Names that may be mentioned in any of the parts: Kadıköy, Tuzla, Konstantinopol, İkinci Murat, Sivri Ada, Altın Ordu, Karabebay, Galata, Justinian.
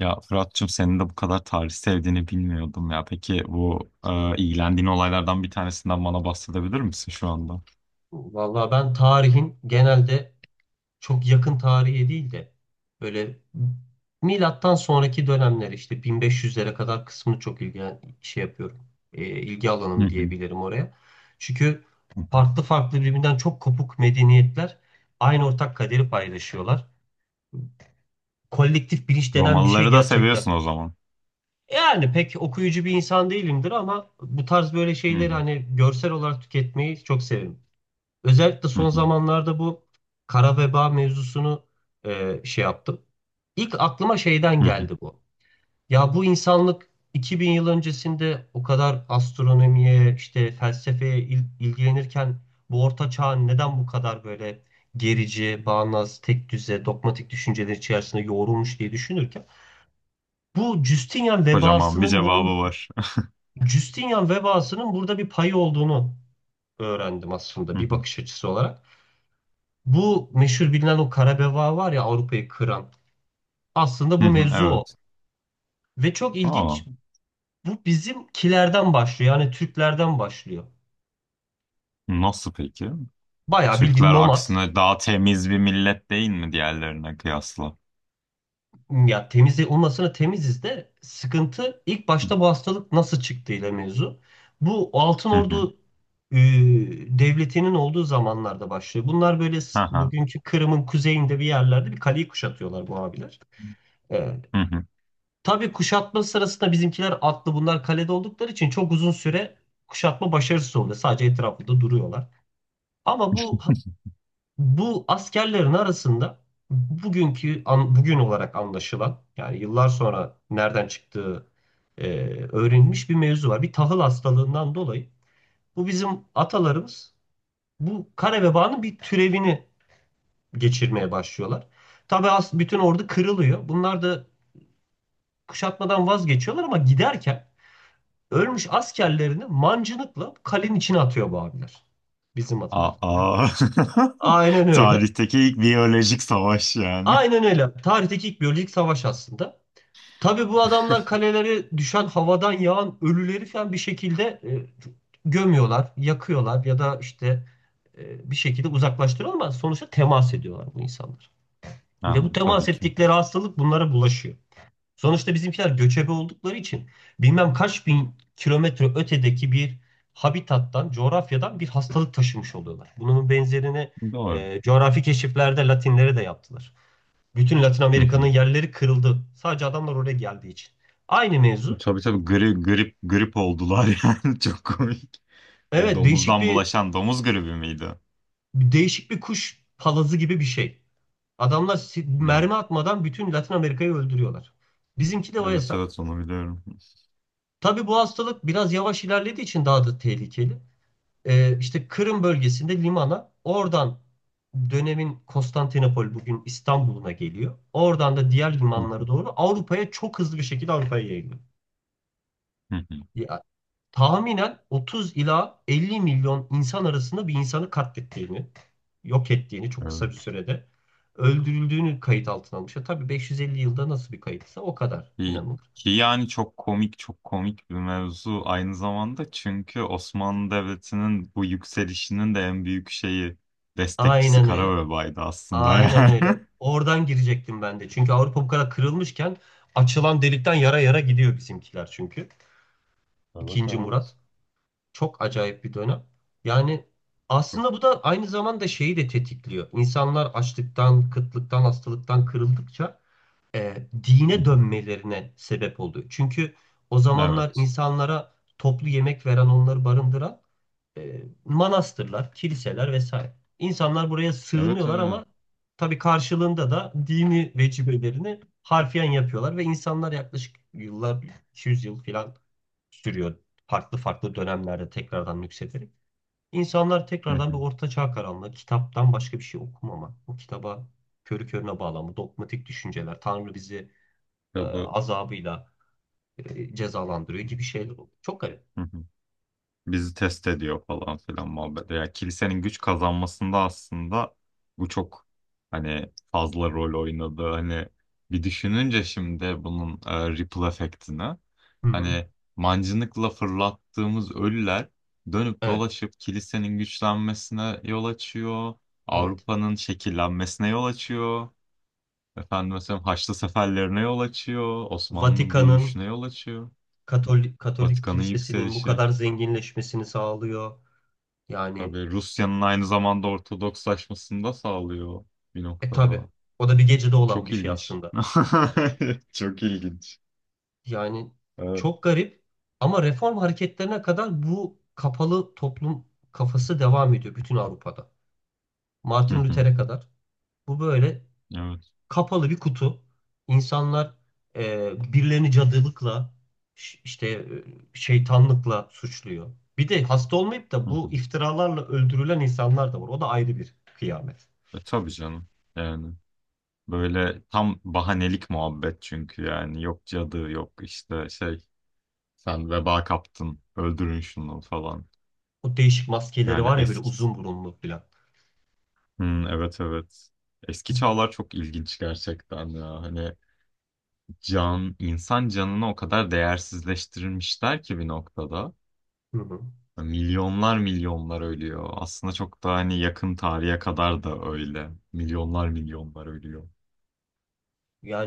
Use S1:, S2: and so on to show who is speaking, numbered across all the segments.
S1: Ya Fırat'cığım senin de bu kadar tarih sevdiğini bilmiyordum ya. Peki bu ilgilendiğin olaylardan bir tanesinden bana bahsedebilir misin şu anda?
S2: Vallahi ben tarihin genelde çok yakın tarihe değil de böyle milattan sonraki dönemler işte 1500'lere kadar kısmını çok şey yapıyorum. İlgi
S1: Hı
S2: alanım
S1: hı,
S2: diyebilirim oraya. Çünkü
S1: hı hı.
S2: farklı farklı birbirinden çok kopuk medeniyetler aynı ortak kaderi paylaşıyorlar. Kolektif bilinç denen bir şey
S1: Romalıları da
S2: gerçekten.
S1: seviyorsun o zaman.
S2: Yani pek okuyucu bir insan değilimdir ama bu tarz böyle
S1: Hı hı,
S2: şeyleri hani görsel olarak tüketmeyi çok severim. Özellikle
S1: hı
S2: son
S1: hı,
S2: zamanlarda bu kara veba mevzusunu şey yaptım. İlk aklıma şeyden
S1: hı hı.
S2: geldi bu. Ya bu insanlık 2000 yıl öncesinde o kadar astronomiye, işte felsefeye ilgilenirken bu orta çağ neden bu kadar böyle gerici, bağnaz, tek düze, dogmatik düşünceler içerisinde yoğrulmuş diye düşünürken bu Justinian
S1: Kocaman bir
S2: vebasının bunun
S1: cevabı var.
S2: Justinian vebasının burada bir payı olduğunu öğrendim aslında
S1: Hı
S2: bir
S1: hı,
S2: bakış açısı olarak. Bu meşhur bilinen o kara beva var ya Avrupa'yı kıran. Aslında
S1: hı
S2: bu
S1: hı,
S2: mevzu o.
S1: evet.
S2: Ve çok ilginç,
S1: Aa,
S2: bu bizimkilerden başlıyor. Yani Türklerden başlıyor.
S1: nasıl peki?
S2: Bayağı bildiğin
S1: Türkler
S2: nomad.
S1: aksine daha temiz bir millet değil mi diğerlerine kıyasla?
S2: Ya temiz, onun aslında temiziz de sıkıntı ilk başta bu hastalık nasıl çıktığıyla mevzu. Bu Altın
S1: Hı hı.
S2: Ordu e, devletinin olduğu zamanlarda başlıyor. Bunlar böyle
S1: Hı hı.
S2: bugünkü Kırım'ın kuzeyinde bir yerlerde bir kaleyi kuşatıyorlar bu abiler. E,
S1: Hı hı.
S2: Tabii kuşatma sırasında bizimkiler atlı, bunlar kalede oldukları için çok uzun süre kuşatma başarısız oluyor. Sadece etrafında duruyorlar. Ama bu askerlerin arasında bugün olarak anlaşılan, yani yıllar sonra nereden çıktığı e, öğrenilmiş bir mevzu var. Bir tahıl hastalığından dolayı bu bizim atalarımız bu kare vebanın bir türevini geçirmeye başlıyorlar. Tabii bütün ordu kırılıyor. Bunlar da kuşatmadan vazgeçiyorlar ama giderken ölmüş askerlerini mancınıkla kalenin içine atıyor bu abiler. Bizim atalar. Yani
S1: Aa.
S2: aynen öyle.
S1: Tarihteki ilk biyolojik savaş yani.
S2: Aynen öyle. Tarihteki ilk biyolojik savaş aslında. Tabii bu adamlar kalelere düşen havadan yağan ölüleri falan bir şekilde gömüyorlar, yakıyorlar ya da işte bir şekilde uzaklaştırıyorlar ama sonuçta temas ediyorlar bu insanlar. Ve
S1: Ha,
S2: bu temas
S1: tabii ki.
S2: ettikleri hastalık bunlara bulaşıyor. Sonuçta bizimkiler göçebe oldukları için bilmem kaç bin kilometre ötedeki bir habitattan, coğrafyadan bir hastalık taşımış oluyorlar. Bunun benzerini
S1: Doğru.
S2: coğrafi keşiflerde Latinlere de yaptılar. Bütün Latin
S1: Hı
S2: Amerika'nın
S1: hı.
S2: yerleri kırıldı. Sadece adamlar oraya geldiği için. Aynı mevzu.
S1: Tabii tabii grip oldular yani çok komik. De
S2: Evet, değişik
S1: domuzdan
S2: bir
S1: bulaşan domuz gribi miydi?
S2: değişik bir kuş palazı gibi bir şey. Adamlar
S1: Ya,
S2: mermi atmadan bütün Latin Amerika'yı öldürüyorlar. Bizimki de o
S1: evet
S2: hesap.
S1: evet onu biliyorum.
S2: Tabii bu hastalık biraz yavaş ilerlediği için daha da tehlikeli. İşte Kırım bölgesinde limana, oradan dönemin Konstantinopol bugün İstanbul'una geliyor. Oradan da diğer
S1: Hı hı.
S2: limanlara doğru Avrupa'ya, çok hızlı bir şekilde Avrupa'ya yayılıyor.
S1: Hı hı.
S2: Ya, tahminen 30 ila 50 milyon insan arasında bir insanı katlettiğini, yok ettiğini çok kısa bir
S1: Evet.
S2: sürede öldürüldüğünü kayıt altına almış. Ya, tabii 550 yılda nasıl bir kayıtsa o kadar
S1: Ki,
S2: inanılır.
S1: ki yani çok komik çok komik bir mevzu aynı zamanda çünkü Osmanlı Devleti'nin bu yükselişinin de en büyük şeyi destekçisi
S2: Aynen öyle.
S1: Karabebay'dı aslında
S2: Aynen
S1: yani.
S2: öyle. Oradan girecektim ben de. Çünkü Avrupa bu kadar kırılmışken açılan delikten yara yara gidiyor bizimkiler çünkü.
S1: Evet
S2: İkinci
S1: evet.
S2: Murat. Çok acayip bir dönem. Yani aslında bu da aynı zamanda şeyi de tetikliyor. İnsanlar açlıktan, kıtlıktan, hastalıktan kırıldıkça e,
S1: Hı
S2: dine
S1: hı.
S2: dönmelerine sebep oluyor. Çünkü o zamanlar
S1: Evet.
S2: insanlara toplu yemek veren, onları barındıran manastırlar, kiliseler vesaire. İnsanlar buraya
S1: Evet
S2: sığınıyorlar
S1: evet.
S2: ama tabii karşılığında da dini vecibelerini harfiyen yapıyorlar ve insanlar yaklaşık yıllar, 200 yıl falan sürüyor. Farklı farklı dönemlerde tekrardan yükselerek. İnsanlar
S1: Hı
S2: tekrardan bir
S1: hı.
S2: orta çağ karanlığı, kitaptan başka bir şey okumama, bu kitaba körü körüne bağlanma, dogmatik düşünceler, Tanrı bizi
S1: Tabii.
S2: azabıyla cezalandırıyor gibi şeyler oluyor. Çok garip.
S1: Hı hı. Bizi test ediyor falan filan muhabbet. Yani kilisenin güç kazanmasında aslında bu çok hani fazla rol oynadı. Hani bir düşününce şimdi bunun ripple efektini
S2: Hı hı.
S1: hani mancınıkla fırlattığımız ölüler dönüp
S2: Evet,
S1: dolaşıp kilisenin güçlenmesine yol açıyor.
S2: evet.
S1: Avrupa'nın şekillenmesine yol açıyor. Efendim mesela Haçlı seferlerine yol açıyor. Osmanlı'nın
S2: Vatikan'ın,
S1: büyüyüşüne yol açıyor.
S2: Katolik
S1: Vatikan'ın
S2: kilisesinin bu
S1: yükselişi.
S2: kadar zenginleşmesini sağlıyor. Yani
S1: Tabii Rusya'nın aynı zamanda Ortodokslaşmasını da sağlıyor bir
S2: tabii
S1: noktada.
S2: o da bir gecede olan
S1: Çok
S2: bir şey
S1: ilginç.
S2: aslında.
S1: Çok ilginç.
S2: Yani
S1: Evet.
S2: çok garip, ama reform hareketlerine kadar bu kapalı toplum kafası devam ediyor bütün Avrupa'da.
S1: Hı
S2: Martin
S1: hı.
S2: Luther'e kadar bu böyle
S1: Evet.
S2: kapalı bir kutu. İnsanlar birilerini cadılıkla, işte şeytanlıkla suçluyor. Bir de hasta olmayıp da
S1: Hı
S2: bu
S1: hı.
S2: iftiralarla öldürülen insanlar da var. O da ayrı bir kıyamet.
S1: E, tabii canım. Yani böyle tam bahanelik muhabbet çünkü yani yok cadı yok işte şey sen veba kaptın öldürün şunu falan.
S2: O değişik maskeleri
S1: Yani
S2: var ya, böyle
S1: eski.
S2: uzun burunlu falan.
S1: Hı, evet evet. Eski çağlar çok ilginç gerçekten ya. Hani can, insan canını o kadar değersizleştirilmişler ki bir noktada.
S2: Hı hı.
S1: Milyonlar milyonlar ölüyor. Aslında çok da hani yakın tarihe kadar da öyle. Milyonlar milyonlar ölüyor.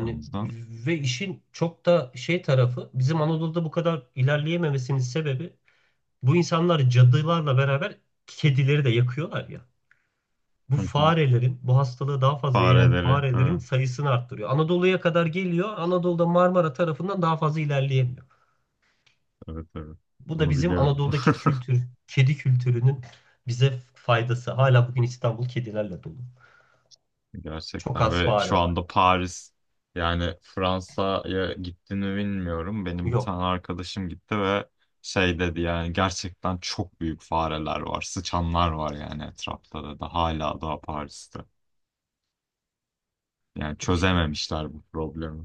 S1: O yüzden
S2: ve işin çok da şey tarafı, bizim Anadolu'da bu kadar ilerleyememesinin sebebi, bu insanlar cadılarla beraber kedileri de yakıyorlar ya. Bu
S1: hı hı,
S2: farelerin, bu hastalığı daha fazla yayan
S1: fareleri.
S2: farelerin
S1: Ha,
S2: sayısını arttırıyor. Anadolu'ya kadar geliyor. Anadolu'da Marmara tarafından daha fazla ilerleyemiyor.
S1: evet evet.
S2: Bu da
S1: Bunu
S2: bizim
S1: biliyorum.
S2: Anadolu'daki kedi kültürünün bize faydası. Hala bugün İstanbul kedilerle dolu. Çok
S1: Gerçekten
S2: az
S1: ve şu
S2: fare var.
S1: anda Paris yani Fransa'ya gitti mi bilmiyorum. Benim bir
S2: Yok.
S1: tane arkadaşım gitti ve şey dedi yani gerçekten çok büyük fareler var. Sıçanlar var yani etrafta da hala daha Paris'te. Yani
S2: İşte
S1: çözememişler bu problemi.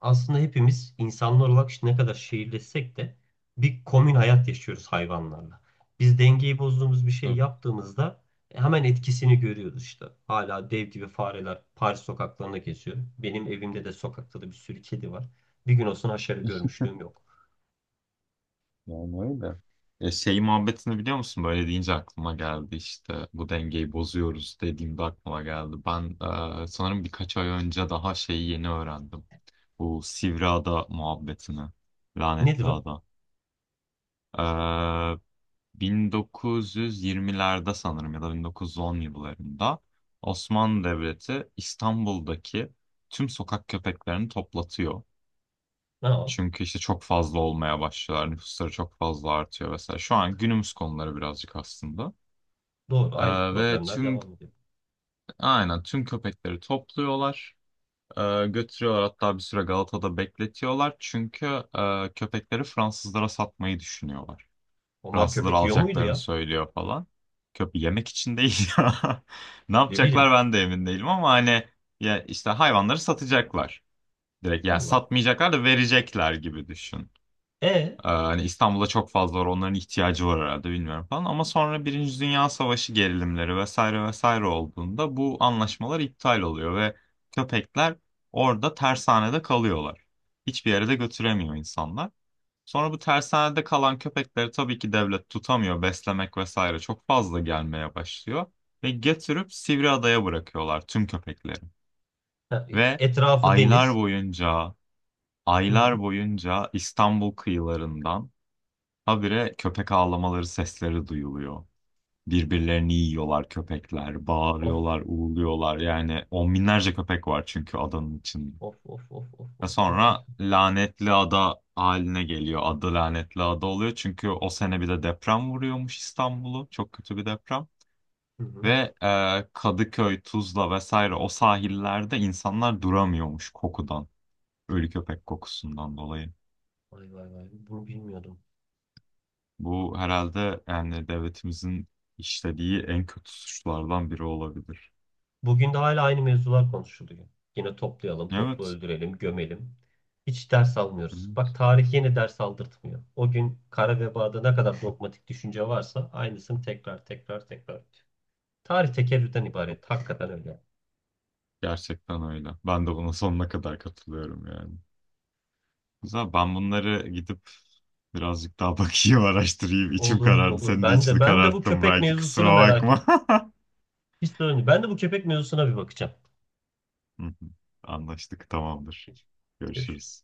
S2: aslında hepimiz insanlar olarak, işte ne kadar şehirleşsek de, bir komün hayat yaşıyoruz hayvanlarla. Biz dengeyi bozduğumuz bir şey
S1: Tabii.
S2: yaptığımızda hemen etkisini görüyoruz işte. Hala dev gibi fareler Paris sokaklarına geziyor. Benim evimde de sokakta da bir sürü kedi var. Bir gün olsun aşağı görmüşlüğüm yok.
S1: Yani öyle. E, şey muhabbetini biliyor musun? Böyle deyince aklıma geldi işte bu dengeyi bozuyoruz dediğimde aklıma geldi. Ben sanırım birkaç ay önce daha şeyi yeni öğrendim. Bu Sivri Ada muhabbetini.
S2: Nedir
S1: Lanetli
S2: o?
S1: Ada. E, 1920'lerde sanırım ya da 1910 yıllarında Osmanlı Devleti İstanbul'daki tüm sokak köpeklerini toplatıyor.
S2: Ha, o.
S1: Çünkü işte çok fazla olmaya başlıyorlar. Nüfusları çok fazla artıyor vesaire. Şu an günümüz konuları birazcık aslında.
S2: Doğru, aynı
S1: Ee, ve
S2: problemler
S1: tüm
S2: devam ediyor.
S1: aynen tüm köpekleri topluyorlar. Götürüyorlar hatta bir süre Galata'da bekletiyorlar. Çünkü köpekleri Fransızlara satmayı düşünüyorlar.
S2: Onlar
S1: Fransızlar
S2: köpek yiyor muydu
S1: alacaklarını
S2: ya?
S1: söylüyor falan. Köpe yemek için değil ya. Ne
S2: Ne
S1: yapacaklar
S2: bileyim.
S1: ben de emin değilim ama hani ya işte hayvanları satacaklar. Direkt yani
S2: Allah Allah.
S1: satmayacaklar da verecekler gibi düşün.
S2: E
S1: Hani İstanbul'da çok fazla var onların ihtiyacı var herhalde bilmiyorum falan ama sonra Birinci Dünya Savaşı gerilimleri vesaire vesaire olduğunda bu anlaşmalar iptal oluyor ve köpekler orada tersanede kalıyorlar. Hiçbir yere de götüremiyor insanlar. Sonra bu tersanede kalan köpekleri tabii ki devlet tutamıyor beslemek vesaire çok fazla gelmeye başlıyor ve getirip Sivriada'ya bırakıyorlar tüm köpekleri
S2: Ha,
S1: ve
S2: etrafı
S1: aylar
S2: deniz.
S1: boyunca
S2: Hı hı.
S1: aylar boyunca İstanbul kıyılarından habire köpek ağlamaları sesleri duyuluyor. Birbirlerini yiyorlar köpekler,
S2: Of
S1: bağırıyorlar, uğurluyorlar. Yani on binlerce köpek var çünkü adanın içinde.
S2: of of of of
S1: Ve
S2: of, çok kötü.
S1: sonra lanetli ada haline geliyor. Adı lanetli ada oluyor. Çünkü o sene bir de deprem vuruyormuş İstanbul'u. Çok kötü bir deprem.
S2: Hı hı.
S1: Ve Kadıköy, Tuzla vesaire o sahillerde insanlar duramıyormuş kokudan. Ölü köpek kokusundan dolayı.
S2: Vay vay vay. Bunu bilmiyordum.
S1: Bu herhalde yani devletimizin işlediği en kötü suçlardan biri olabilir.
S2: Bugün de hala aynı mevzular konuşuluyor. Yine toplayalım, toplu
S1: Evet.
S2: öldürelim, gömelim. Hiç ders almıyoruz. Bak,
S1: Evet.
S2: tarih yine ders aldırtmıyor. O gün kara vebada ne kadar dogmatik düşünce varsa aynısını tekrar tekrar tekrar ediyor. Tarih tekerrürden ibaret. Hakikaten öyle.
S1: Gerçekten öyle. Ben de buna sonuna kadar katılıyorum yani. Güzel. Ben bunları gidip birazcık daha bakayım, araştırayım. İçim
S2: Olur
S1: karardı.
S2: olur.
S1: Senin de
S2: Ben de
S1: içini
S2: ben de bu
S1: kararttım
S2: köpek
S1: belki.
S2: mevzusuna
S1: Kusura
S2: merak
S1: bakma.
S2: ettim. Hiç sorun değil. Ben de bu köpek mevzusuna bir bakacağım.
S1: Hı hı. Anlaştık. Tamamdır.
S2: Peki. Görüşürüz.
S1: Görüşürüz.